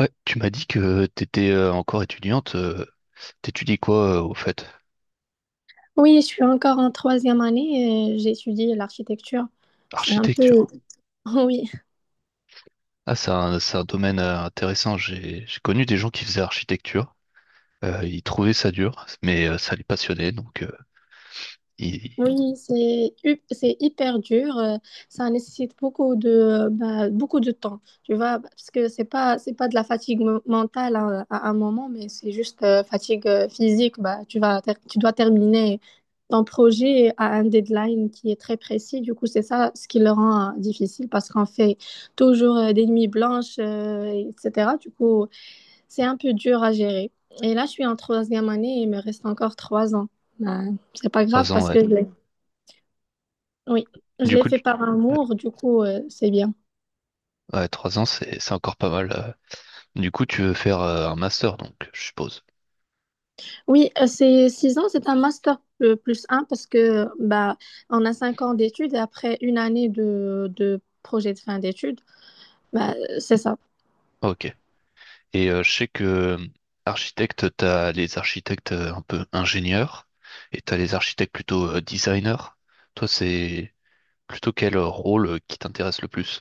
Ouais, tu m'as dit que t'étais encore étudiante. T'étudies quoi au fait? Oui, je suis encore en troisième année, j'étudie l'architecture. C'est un Architecture. peu. Oui, Ah, c'est un domaine intéressant. J'ai connu des gens qui faisaient architecture. Ils trouvaient ça dur, mais ça les passionnait. Ils- oui, c'est hyper dur. Ça nécessite beaucoup de temps, tu vois, parce que c'est pas de la fatigue mentale à un moment, mais c'est juste fatigue physique. Bah, tu dois terminer ton projet à un deadline qui est très précis. Du coup, c'est ça ce qui le rend difficile parce qu'on fait toujours des nuits blanches, etc. Du coup. C'est un peu dur à gérer. Et là, je suis en troisième année et il me reste encore 3 ans. Ben, c'est pas grave Trois ans, parce ouais. que oui, je Du l'ai coup, fait tu- par ouais, amour, du coup, c'est bien. ouais, trois ans, c'est encore pas mal. Du coup, tu veux faire un master, donc, je suppose. Oui, c'est 6 ans, c'est un master plus un parce que bah, on a 5 ans d'études et après une année de projet de fin d'études, bah, c'est ça. Ok. Et je sais que architecte, t'as les architectes un peu ingénieurs et t'as les architectes plutôt designers. Toi, c'est Plutôt quel rôle qui t'intéresse le plus?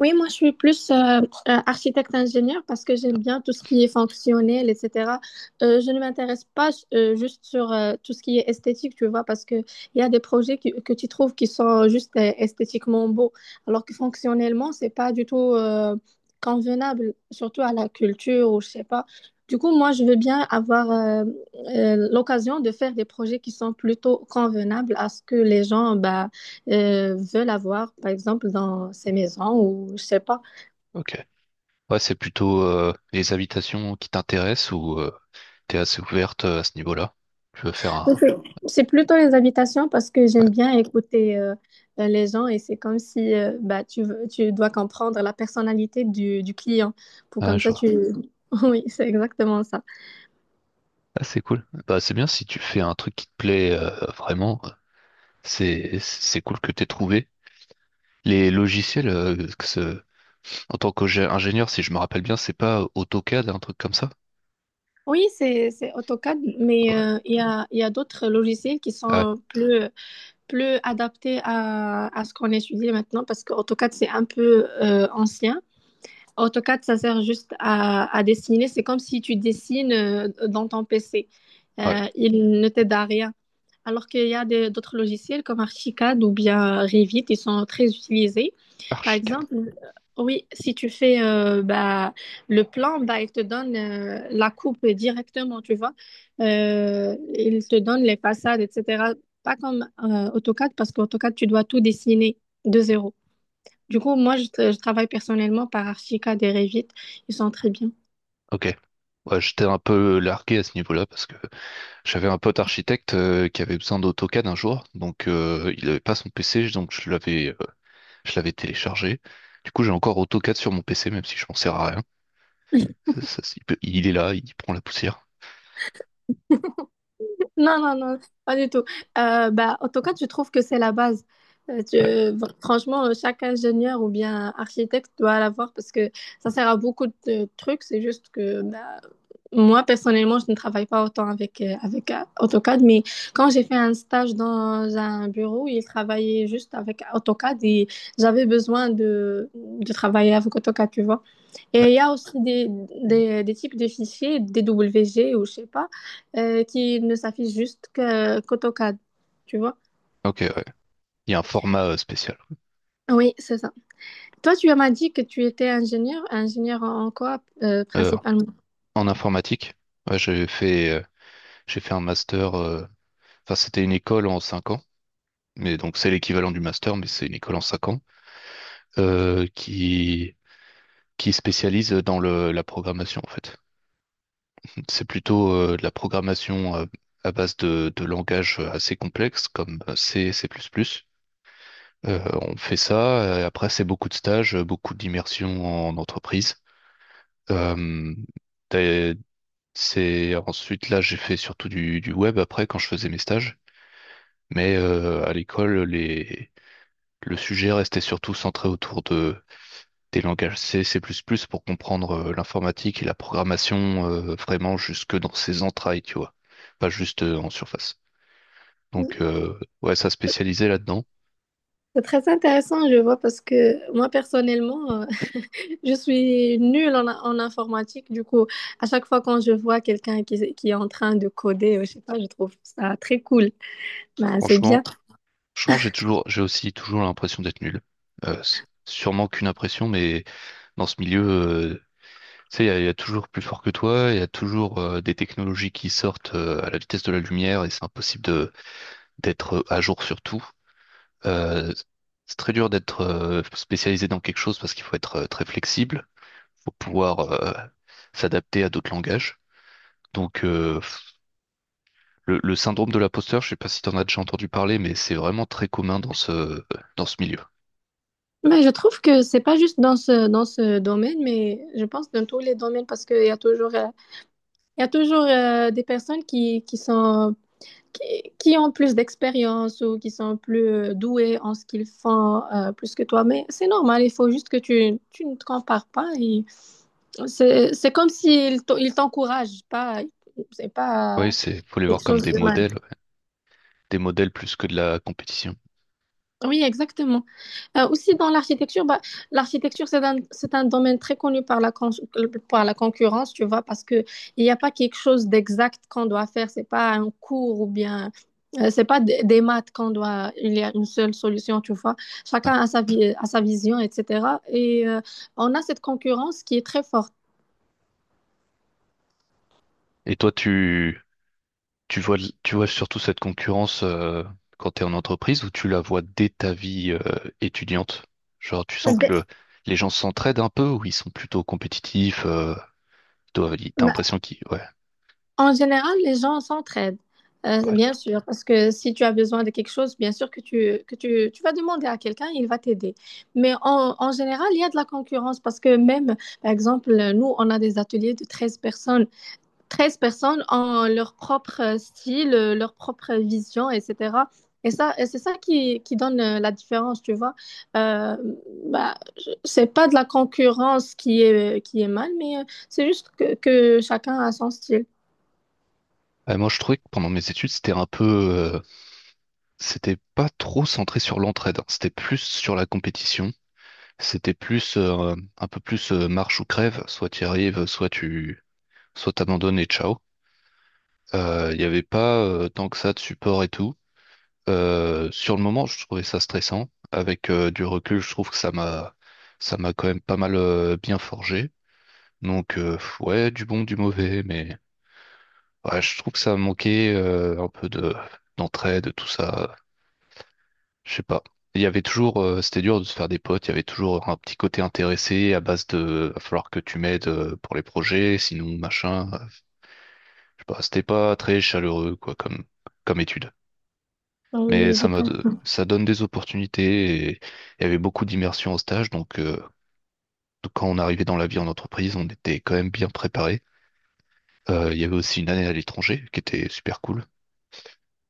Oui, moi je suis plus architecte-ingénieur parce que j'aime bien tout ce qui est fonctionnel, etc. Je ne m'intéresse pas juste sur tout ce qui est esthétique, tu vois, parce que il y a des projets que tu trouves qui sont juste esthétiquement beaux, alors que fonctionnellement, c'est pas du tout convenable, surtout à la culture ou je sais pas. Du coup, moi je veux bien avoir l'occasion de faire des projets qui sont plutôt convenables à ce que les gens, bah, veulent avoir, par exemple, dans ces maisons ou je sais pas. Ok. Ouais, c'est plutôt les habitations qui t'intéressent ou t'es assez ouverte à ce niveau-là? Tu veux faire un... Mais c'est plutôt les habitations parce que Ouais. j'aime bien écouter les gens et c'est comme si bah, tu dois comprendre la personnalité du client pour Ah, comme ça je tu. Oui, c'est exactement ça. Ah, c'est cool. Bah, c'est bien si tu fais un truc qui te plaît vraiment. C'est cool que t'aies trouvé. Les logiciels, en tant qu'ingénieur, si je me rappelle bien, c'est pas AutoCAD, un truc comme ça? Oui, c'est AutoCAD, mais Ouais. Il y a d'autres logiciels qui Ah ouais, sont plus adaptés à ce qu'on étudie maintenant parce que AutoCAD, c'est un peu ancien. AutoCAD, ça sert juste à dessiner. C'est comme si tu dessines dans ton PC. Ah ouais. Il ne t'aide à rien. Alors qu'il y a d'autres logiciels comme Archicad ou bien Revit, ils sont très utilisés. Par Archicad. exemple, oui, si tu fais bah, le plan, bah, il te donne la coupe directement, tu vois. Il te donne les façades, etc. Pas comme AutoCAD, parce qu'AutoCAD, tu dois tout dessiner de zéro. Du coup, moi, je travaille personnellement par Archica des Revit. Ils sont très bien. Ok. Ouais, j'étais un peu largué à ce niveau-là parce que j'avais un pote architecte qui avait besoin d'AutoCAD un jour, donc il n'avait pas son PC, donc je l'avais téléchargé. Du coup, j'ai encore AutoCAD sur mon PC, même si je m'en sers à rien. Il est là, il prend la poussière. Non, non, non, pas du tout. Bah, en tout cas, je trouve que c'est la base. Ouais. Franchement, chaque ingénieur ou bien architecte doit l'avoir parce que ça sert à beaucoup de trucs. C'est juste que bah, moi, personnellement, je ne travaille pas autant avec AutoCAD, mais quand j'ai fait un stage dans un bureau, ils travaillaient juste avec AutoCAD et j'avais besoin de travailler avec AutoCAD, tu vois. Et il y a aussi des types de fichiers, DWG ou je sais pas qui ne s'affiche juste qu'AutoCAD, tu vois? Ok, ouais. Il y a un format spécial. Oui, c'est ça. Toi, tu m'as dit que tu étais ingénieur. Ingénieur en quoi, Euh, principalement? En informatique, ouais, j'ai fait un master. Enfin, c'était une école en cinq ans, mais donc c'est l'équivalent du master, mais c'est une école en cinq ans euh, qui qui spécialise dans la programmation en fait. C'est plutôt de la programmation à base de langages assez complexes comme C, C++. On fait ça. Après, c'est beaucoup de stages, beaucoup d'immersion en entreprise. Euh, C'est ensuite là j'ai fait surtout du web après quand je faisais mes stages. Mais à l'école, les... le sujet restait surtout centré autour de des langages C, C++ pour comprendre l'informatique et la programmation vraiment jusque dans ses entrailles, tu vois, pas juste en surface. Oui. Donc ouais, ça spécialisait là-dedans. C'est très intéressant, je vois, parce que moi, personnellement, je suis nulle en informatique. Du coup, à chaque fois quand je vois quelqu'un qui est en train de coder, je sais pas, je trouve ça très cool. Ben, c'est bien. Franchement, franchement, j'ai aussi toujours l'impression d'être nul. C'est sûrement qu'une impression, mais dans ce milieu, tu sais, il y a toujours plus fort que toi, il y a toujours des technologies qui sortent à la vitesse de la lumière et c'est impossible de d'être à jour sur tout. Euh, c'est très dur d'être spécialisé dans quelque chose parce qu'il faut être très flexible, faut pouvoir s'adapter à d'autres langages. Donc, le syndrome de l'imposteur, je sais pas si tu en as déjà entendu parler, mais c'est vraiment très commun dans ce milieu. Mais je trouve que c'est pas juste dans ce domaine, mais je pense dans tous les domaines, parce qu'il y a toujours des personnes qui ont plus d'expérience ou qui sont plus douées en ce qu'ils font plus que toi. Mais c'est normal, il faut juste que tu ne te compares pas. Et c'est comme s'ils t'en- ils t'encouragent, pas, c'est Oui, pas c'est, faut les voir quelque comme chose de mal. Des modèles plus que de la compétition. Oui, exactement. Aussi dans l'architecture, bah, l'architecture, c'est un domaine très connu par par la concurrence, tu vois, parce que il n'y a pas quelque chose d'exact qu'on doit faire. C'est pas un cours ou bien, c'est pas des maths qu'on doit, il y a une seule solution, tu vois. Chacun Ouais. a a sa vision, etc. Et on a cette concurrence qui est très forte. Et toi, tu, Tu vois, tu vois surtout cette concurrence quand tu es en entreprise ou tu la vois dès ta vie étudiante? Genre, tu sens que le- Les gens s'entraident un peu ou ils sont plutôt compétitifs, t'as Dès, l'impression qu'ils... Ouais, En général, les gens s'entraident, ouais. bien sûr, parce que si tu as besoin de quelque chose, bien sûr tu vas demander à quelqu'un, il va t'aider. Mais en général, il y a de la concurrence parce que même, par exemple, nous, on a des ateliers de 13 personnes. 13 personnes ont leur propre style, leur propre vision, etc. Et c'est ça qui donne la différence, tu vois. Euh, Bah, c'est pas de la concurrence qui est mal, mais c'est juste que chacun a son style. Ouais, moi, je trouvais que pendant mes études, c'était un peu... c'était pas trop centré sur l'entraide, hein. C'était plus sur la compétition. C'était plus un peu plus marche ou crève. Soit tu y arrives, soit tu Soit t'abandonnes et ciao. Il y avait pas tant que ça de support et tout. Sur le moment, je trouvais ça stressant. Avec du recul, je trouve que ça m'a quand même pas mal bien forgé. Donc ouais, du bon, du mauvais, mais ouais, je trouve que ça manquait un peu de d'entraide, tout ça. Je sais pas. Il y avait toujours, c'était dur de se faire des potes. Il y avait toujours un petit côté intéressé à base de, va falloir que tu m'aides pour les projets, sinon machin. Je sais pas, c'était pas très chaleureux quoi comme étude. Mais Oui, je ça m'a, comprends. Ça donne des opportunités et il y avait beaucoup d'immersion au stage. Donc quand on arrivait dans la vie en entreprise, on était quand même bien préparé. Il y avait aussi une année à l'étranger qui était super cool,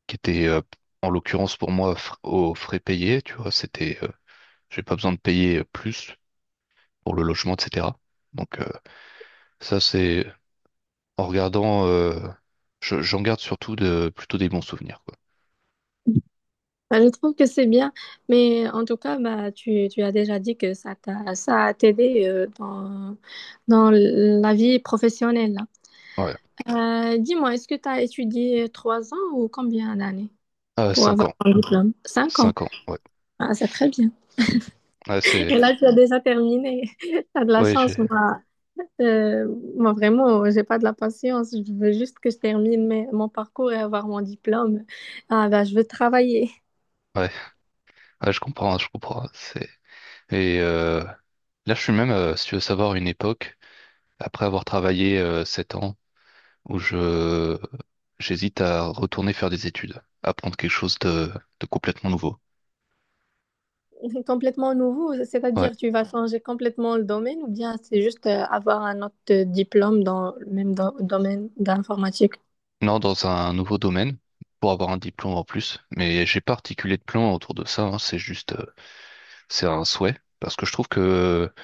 qui était en l'occurrence pour moi aux frais payés. Tu vois, c'était, j'ai pas besoin de payer plus pour le logement, etc. Donc ça, c'est en regardant, j'en garde surtout de plutôt des bons souvenirs, quoi. Bah, je trouve que c'est bien, mais en tout cas, bah, tu as déjà dit que ça a t'aidé dans la vie professionnelle. Là. Ouais, Dis-moi, est-ce que tu as étudié 3 ans ou combien d'années Euh, pour cinq avoir ans, ton diplôme? 5 ans. cinq ans. Ouais, Ah, c'est très bien. ouais, c'est, Et là, tu as déjà terminé. Tu as de la ouais, j'ai, chance, moi. Euh, Moi, vraiment, j'ai pas de la patience. Je veux juste que je termine mon parcours et avoir mon diplôme. Ah, bah, je veux travailler. ouais. Ah, je comprends, je comprends. C'est... Et là, je suis même, si tu veux savoir, une époque, après avoir travaillé 7 ans, où je j'hésite à retourner faire des études, apprendre quelque chose de complètement nouveau. C'est complètement nouveau, Ouais. c'est-à-dire tu vas changer complètement le domaine ou bien c'est juste avoir un autre diplôme dans le même domaine d'informatique? Non, dans un nouveau domaine, pour avoir un diplôme en plus. Mais j'ai pas articulé de plan autour de ça, hein, c'est juste, c'est un souhait. Parce que je trouve que, tu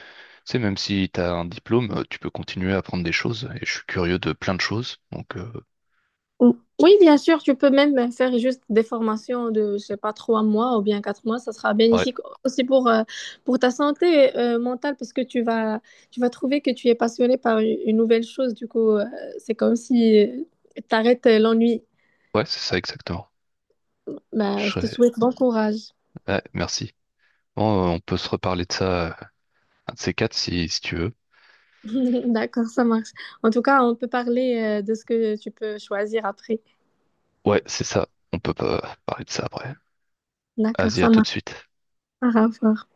sais, même si tu as un diplôme, tu peux continuer à apprendre des choses. Et je suis curieux de plein de choses. Donc, Ou- Oui, bien sûr, tu peux même faire juste des formations de, je sais pas, 3 mois ou bien 4 mois, ça sera ouais, bénéfique aussi pour ta santé mentale parce que tu vas trouver que tu es passionné par une nouvelle chose, du coup, c'est comme si tu arrêtes l'ennui. ouais, c'est ça exactement. Je Bah, je te serais souhaite bon courage. Ouais, merci. Bon, on peut se reparler de ça, un de ces quatre, si tu veux. D'accord, ça marche. En tout cas, on peut parler de ce que tu peux choisir après. Ouais, c'est ça. On peut pas parler de ça après. D'accord, Vas-y, ça à tout de marche. suite. Au revoir.